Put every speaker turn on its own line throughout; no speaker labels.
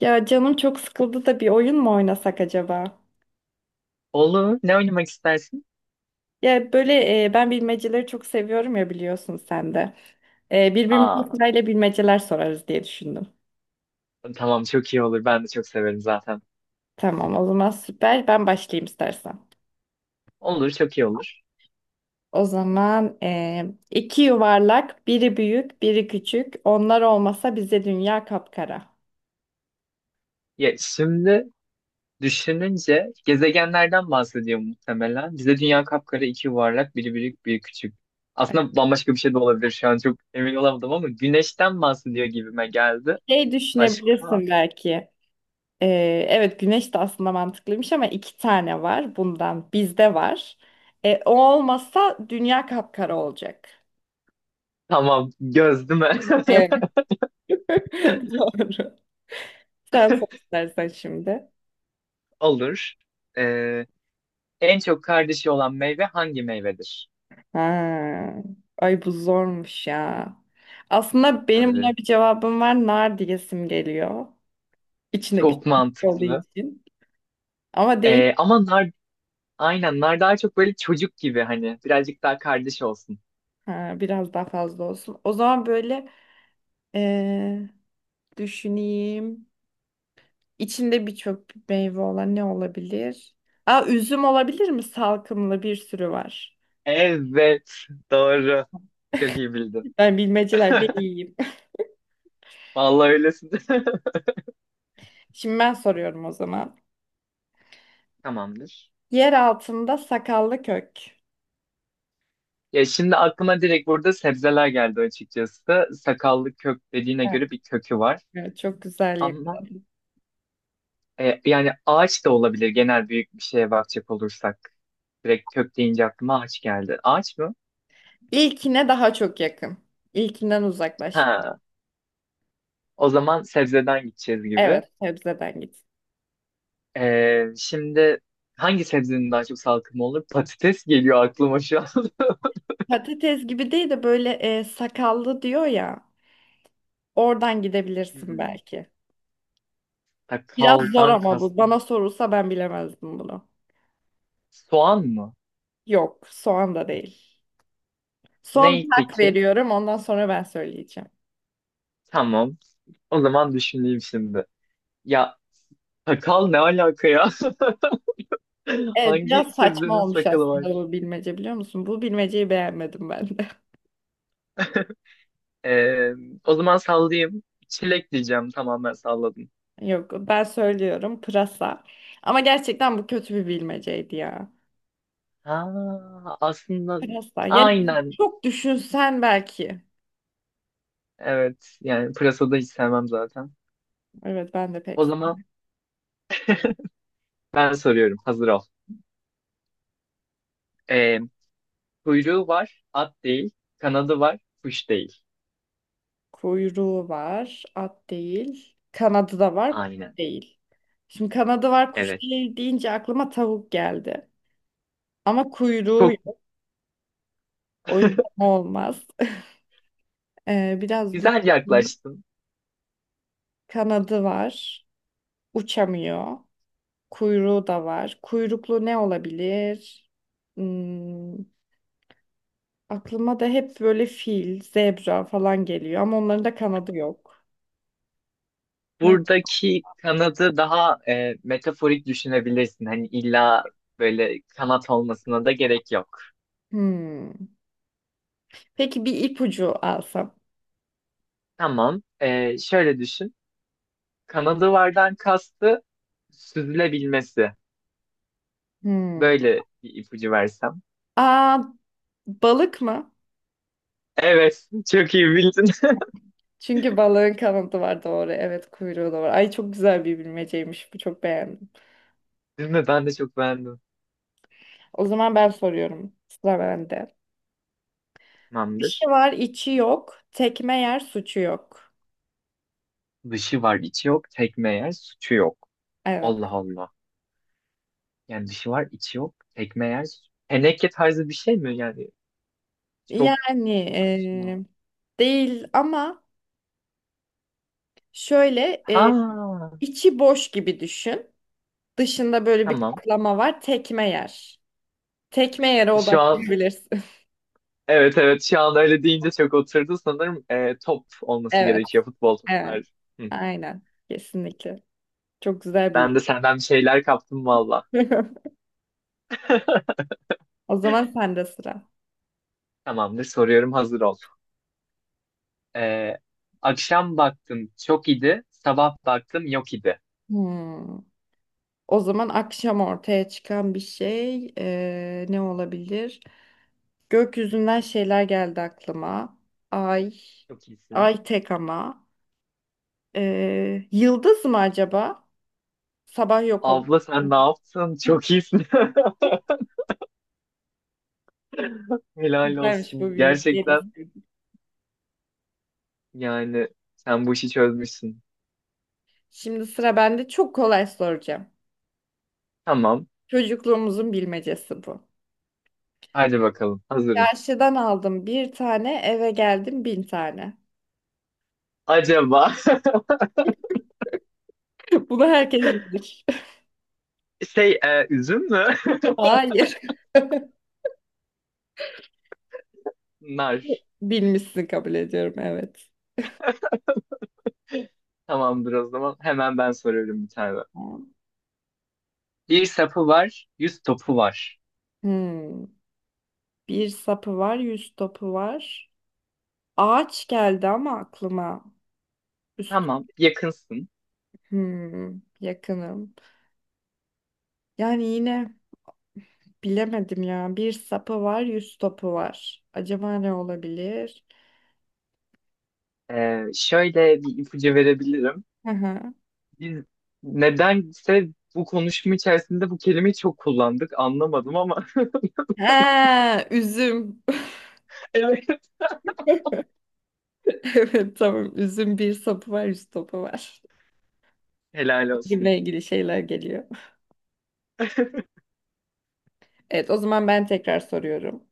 Ya canım çok sıkıldı da bir oyun mu oynasak acaba?
Olur. Ne oynamak istersin?
Ya böyle ben bilmeceleri çok seviyorum ya biliyorsun sen de. Birbirimize
Aa,
sırayla bilmeceler sorarız diye düşündüm.
tamam çok iyi olur. Ben de çok severim zaten.
Tamam o zaman süper. Ben başlayayım istersen.
Olur, çok iyi olur.
O zaman iki yuvarlak, biri büyük, biri küçük. Onlar olmasa bize dünya kapkara.
Ya şimdi düşününce gezegenlerden bahsediyor muhtemelen. Bize dünya kapkara, iki yuvarlak, biri büyük, biri küçük.
Evet.
Aslında bambaşka bir şey de olabilir şu an çok emin olamadım ama güneşten bahsediyor gibime geldi.
Şey
Başka?
düşünebilirsin belki. Evet güneş de aslında mantıklıymış ama iki tane var bundan bizde var. O olmasa dünya kapkara olacak.
Tamam, göz değil mi?
Evet. Doğru. Sen sor istersen şimdi.
Olur. Ee, En çok kardeşi olan meyve hangi meyvedir?
Ha. Ay bu zormuş ya. Aslında benim
Tabii.
buna bir cevabım var. Nar diyesim geliyor. İçinde
Çok
küçük küçük olduğu
mantıklı.
için. Ama değil.
Ama nar aynen. Nar daha çok böyle çocuk gibi hani. Birazcık daha kardeş olsun.
Ha, biraz daha fazla olsun. O zaman böyle ee, düşüneyim. İçinde birçok meyve olan ne olabilir? Aa, üzüm olabilir mi? Salkımlı bir sürü var.
Evet. Doğru. Çok iyi bildin.
Ben bilmecelerde iyiyim.
Vallahi öylesin.
Şimdi ben soruyorum o zaman.
Tamamdır.
Yer altında sakallı kök.
Ya şimdi aklıma direkt burada sebzeler geldi açıkçası. Sakallı kök dediğine
Evet,
göre bir kökü var.
evet, çok güzel yakın.
Ama yani ağaç da olabilir genel büyük bir şeye bakacak olursak. Direkt kök deyince aklıma ağaç geldi. Ağaç mı?
İlkine daha çok yakın. İlkinden uzaklaş.
Ha, o zaman sebzeden gideceğiz gibi.
Evet, sebzeden git.
Şimdi hangi sebzenin daha çok salkımı olur? Patates geliyor aklıma şu an.
Patates gibi değil de böyle sakallı diyor ya. Oradan gidebilirsin
Hmm,
belki. Biraz zor
sakaldan
ama bu. Bana
kastın
sorulsa ben bilemezdim bunu.
soğan mı?
Yok, soğan da değil. Son bir
Ney
hak
peki?
veriyorum. Ondan sonra ben söyleyeceğim.
Tamam. O zaman düşüneyim şimdi. Ya sakal ne alaka ya?
Evet, biraz
Hangi
saçma
sebzenin
olmuş
sakalı
aslında
var?
bu bilmece biliyor musun? Bu bilmeceyi beğenmedim ben de.
Ee, O zaman sallayayım. Çilek diyeceğim. Tamam ben salladım.
Yok, ben söylüyorum pırasa. Ama gerçekten bu kötü bir bilmeceydi ya.
Ha, aslında
Pırasa. Yani
aynen.
çok düşünsen belki.
Evet. Yani pırasada hiç sevmem zaten.
Evet, ben de pek
O zaman
sevmem.
ben soruyorum. Hazır ol. Ee, Kuyruğu var, at değil. Kanadı var, kuş değil.
Kuyruğu var, at değil. Kanadı da var, kuş
Aynen.
değil. Şimdi kanadı var, kuş
Evet.
değil deyince aklıma tavuk geldi. Ama kuyruğu
Çok
yok. O yüzden olmaz. Biraz
güzel
düşün.
yaklaştın.
Kanadı var. Uçamıyor. Kuyruğu da var. Kuyruklu ne olabilir? Hmm, aklıma da hep böyle fil, zebra falan geliyor ama onların da kanadı yok. Ne?
Buradaki kanadı daha metaforik düşünebilirsin. Hani illa böyle kanat olmasına da gerek yok.
Hmm. Peki bir ipucu alsam.
Tamam. Şöyle düşün. Kanadı vardan kastı süzülebilmesi.
Hmm.
Böyle bir ipucu versem.
Aa, balık mı?
Evet. Çok iyi bildin.
Çünkü balığın kanadı var doğru. Evet kuyruğu da var. Ay çok güzel bir bilmeceymiş. Bu çok beğendim.
Değil mi? Ben de çok beğendim.
O zaman ben soruyorum. Sıra bende. Dışı
Tamamdır.
var, içi yok. Tekme yer, suçu yok.
Dışı var, içi yok. Tekme yer, suçu yok.
Evet.
Allah Allah. Yani dışı var, içi yok. Ekmeği yer. Teneke tarzı bir şey mi? Yani çok
Yani
saçma.
değil ama şöyle
Ha,
içi boş gibi düşün. Dışında böyle bir
tamam.
kaplama var. Tekme yer. Tekme yere
Şu an
odaklanabilirsin.
evet, evet, şu an öyle deyince çok oturdu sanırım. Top olması
Evet,
gerekiyor, futbol
evet.
topları. Hı.
Aynen. Kesinlikle. Çok güzel
Ben
bir.
de senden bir şeyler kaptım valla.
O zaman sende sıra.
Tamamdır, soruyorum, hazır ol. Ee, Akşam baktım çok iyiydi. Sabah baktım yok idi.
Hmm. O zaman akşam ortaya çıkan bir şey ne olabilir? Gökyüzünden şeyler geldi aklıma. Ay.
Çok iyisin.
Ay tek ama. Yıldız mı acaba? Sabah yok oldu.
Abla sen ne yaptın? Çok iyisin. Helal
Güzelmiş bu
olsun.
bilmeceyi de
Gerçekten
sevdim.
yani sen bu işi çözmüşsün.
Şimdi sıra bende çok kolay soracağım.
Tamam.
Çocukluğumuzun bilmecesi bu.
Hadi bakalım. Hazırım.
Çarşıdan aldım bir tane, eve geldim bin tane.
Acaba
Bunu herkes bilir.
üzüm mü?
Hayır.
Nar.
Bilmişsin kabul ediyorum, evet.
Tamamdır o zaman. Hemen ben soruyorum bir tane. Bir sapı var, yüz topu var.
Hmm. Bir sapı var, yüz topu var. Ağaç geldi ama aklıma. Üst.
Tamam, yakınsın.
Hmm. Yakınım. Yani yine bilemedim ya. Bir sapı var, yüz topu var. Acaba ne olabilir?
E, şöyle bir ipucu verebilirim.
Hı hı.
Biz nedense bu konuşma içerisinde bu kelimeyi çok kullandık. Anlamadım ama
Ha, üzüm.
evet.
Evet tamam. Üzüm bir sapı var, yüz topu var.
Helal olsun.
Üzümle ilgili şeyler geliyor. Evet o zaman ben tekrar soruyorum.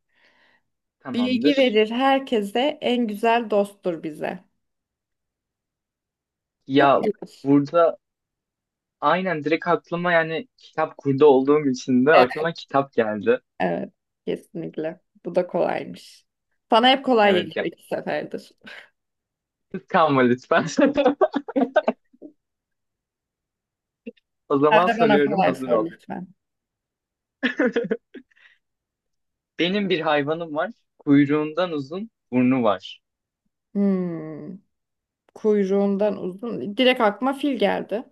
Bilgi
Tamamdır.
verir herkese, en güzel dosttur bize. Bu kolay.
Ya burada aynen direkt aklıma, yani kitap kurdu olduğum için de,
Evet,
aklıma kitap geldi.
evet kesinlikle. Bu da kolaymış. Sana hep kolay
Evet
geliyor
ya.
iki seferdir.
Kıskanma lütfen. O
Sen
zaman
de bana
soruyorum,
kolay
hazır
sor
ol.
lütfen.
Benim bir hayvanım var. Kuyruğundan uzun burnu var.
Hmm. Kuyruğundan uzun. Direkt aklıma fil geldi.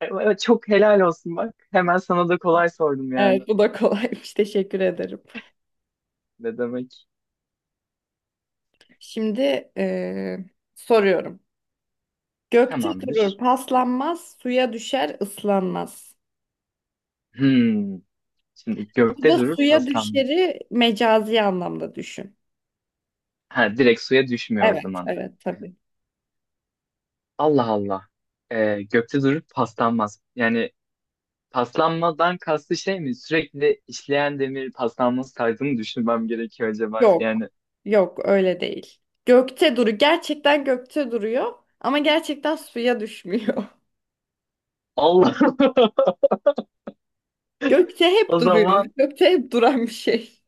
Evet, çok helal olsun bak. Hemen sana da kolay sordum yani.
Evet, bu da kolaymış. Teşekkür ederim.
Ne demek?
Şimdi soruyorum. Gökte durur,
Tamamdır.
paslanmaz, suya düşer, ıslanmaz.
Hmm. Şimdi gökte
Burada
durur
suya
paslanmaz.
düşeri mecazi anlamda düşün.
Ha, direkt suya düşmüyor o
Evet,
zaman.
evet tabii.
Allah Allah. Gökte durur paslanmaz. Yani paslanmadan kastı şey mi? Sürekli işleyen demir paslanması tarzını düşünmem gerekiyor acaba.
Yok,
Yani
yok öyle değil. Gökte duru, gerçekten gökte duruyor ama gerçekten suya düşmüyor.
Allah,
Gökte hep
o
duruyor.
zaman
Gökte hep duran bir şey.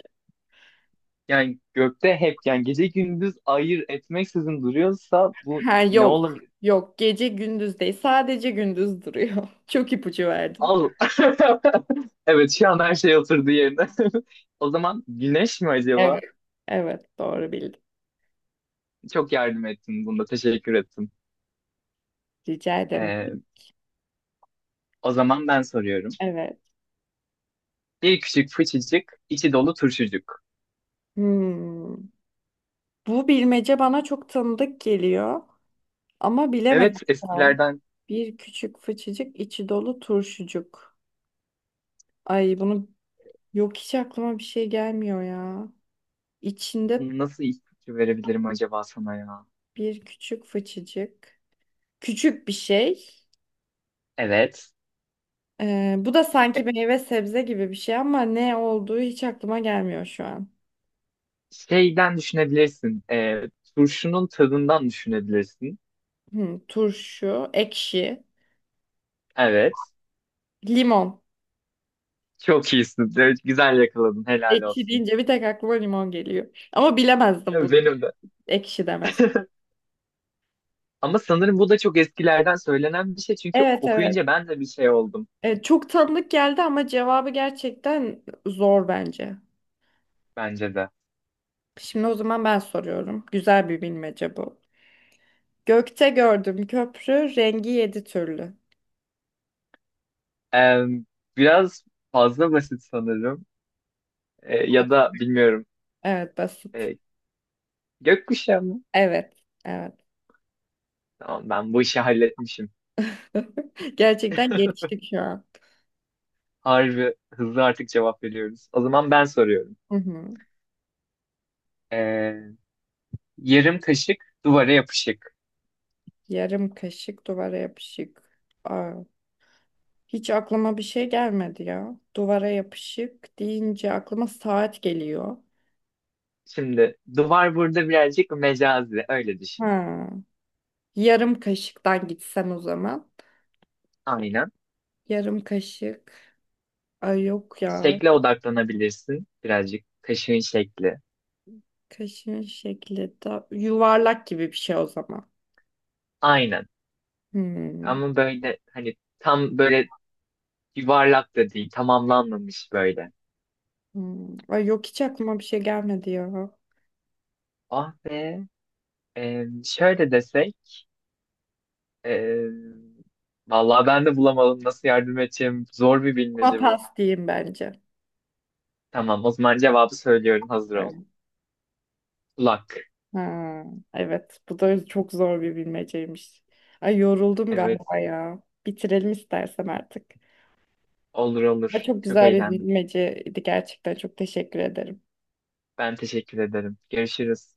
yani gökte hep, yani gece gündüz ayır etmeksizin duruyorsa bu
Ha,
ne
yok.
olabilir?
Yok. Gece gündüz değil. Sadece gündüz duruyor. Çok ipucu verdin.
Al. Evet şu an her şey oturdu yerine. O zaman güneş mi
Evet.
acaba?
Evet. Doğru bildin.
Çok yardım ettin bunda. Teşekkür ettim.
Rica ederim.
Ee, O zaman ben soruyorum.
Evet.
Bir küçük fıçıcık, içi dolu turşucuk.
Hmm. Bu bilmece bana çok tanıdık geliyor. Ama bilemedim
Evet
şu an.
eskilerden.
Bir küçük fıçıcık içi dolu turşucuk. Ay bunu yok hiç aklıma bir şey gelmiyor ya. İçinde
Nasıl ipucu verebilirim acaba sana ya?
bir küçük fıçıcık. Küçük bir şey.
Evet.
Bu da
E,
sanki meyve sebze gibi bir şey ama ne olduğu hiç aklıma gelmiyor şu an.
şeyden düşünebilirsin. Turşunun tadından düşünebilirsin.
Hı, turşu, ekşi,
Evet.
limon.
Çok iyisin. Evet, güzel yakaladın. Helal
Ekşi
olsun.
deyince bir tek aklıma limon geliyor. Ama
E,
bilemezdim bunu.
benim de.
Ekşi demez.
Ama sanırım bu da çok eskilerden söylenen bir şey. Çünkü
Evet evet.
okuyunca ben de bir şey oldum.
Çok tanıdık geldi ama cevabı gerçekten zor bence.
Bence de.
Şimdi o zaman ben soruyorum. Güzel bir bilmece bu. Gökte gördüm köprü, rengi yedi türlü.
E, biraz fazla basit sanırım. E, ya da bilmiyorum.
Evet basit.
E, gökkuşağı mı?
Evet. Evet.
Tamam ben bu işi halletmişim.
Gerçekten geliştik şu an.
Harbi hızlı artık cevap veriyoruz. O zaman ben soruyorum.
Hı hı.
Ee, Yarım kaşık duvara yapışık.
Yarım kaşık duvara yapışık. Aa. Hiç aklıma bir şey gelmedi ya. Duvara yapışık deyince aklıma saat geliyor.
Şimdi duvar burada birazcık mecazi öyle düşün.
Ha, yarım kaşıktan gitsem o zaman.
Aynen.
Yarım kaşık. Ay yok ya.
Şekle odaklanabilirsin, birazcık kaşığın şekli.
Kaşığın şekli de yuvarlak gibi bir şey o zaman.
Aynen.
Hmm,
Ama böyle hani tam böyle yuvarlak da değil, tamamlanmamış böyle.
hmm. Ay yok hiç aklıma bir şey gelmedi ya.
Ah be. Şöyle desek. ee, Vallahi ben de bulamadım, nasıl yardım edeceğim. Zor bir
Buna
bilmece bu.
pas diyeyim bence.
Tamam o zaman cevabı söylüyorum, hazır ol.
Evet.
Kulak.
Ha, evet bu da çok zor bir bilmeceymiş. Ay yoruldum
Evet,
galiba ya. Bitirelim istersen artık.
olur
Ama
olur.
çok
Çok
güzel bir
eğlendim.
bilmeceydi gerçekten. Çok teşekkür ederim.
Ben teşekkür ederim. Görüşürüz.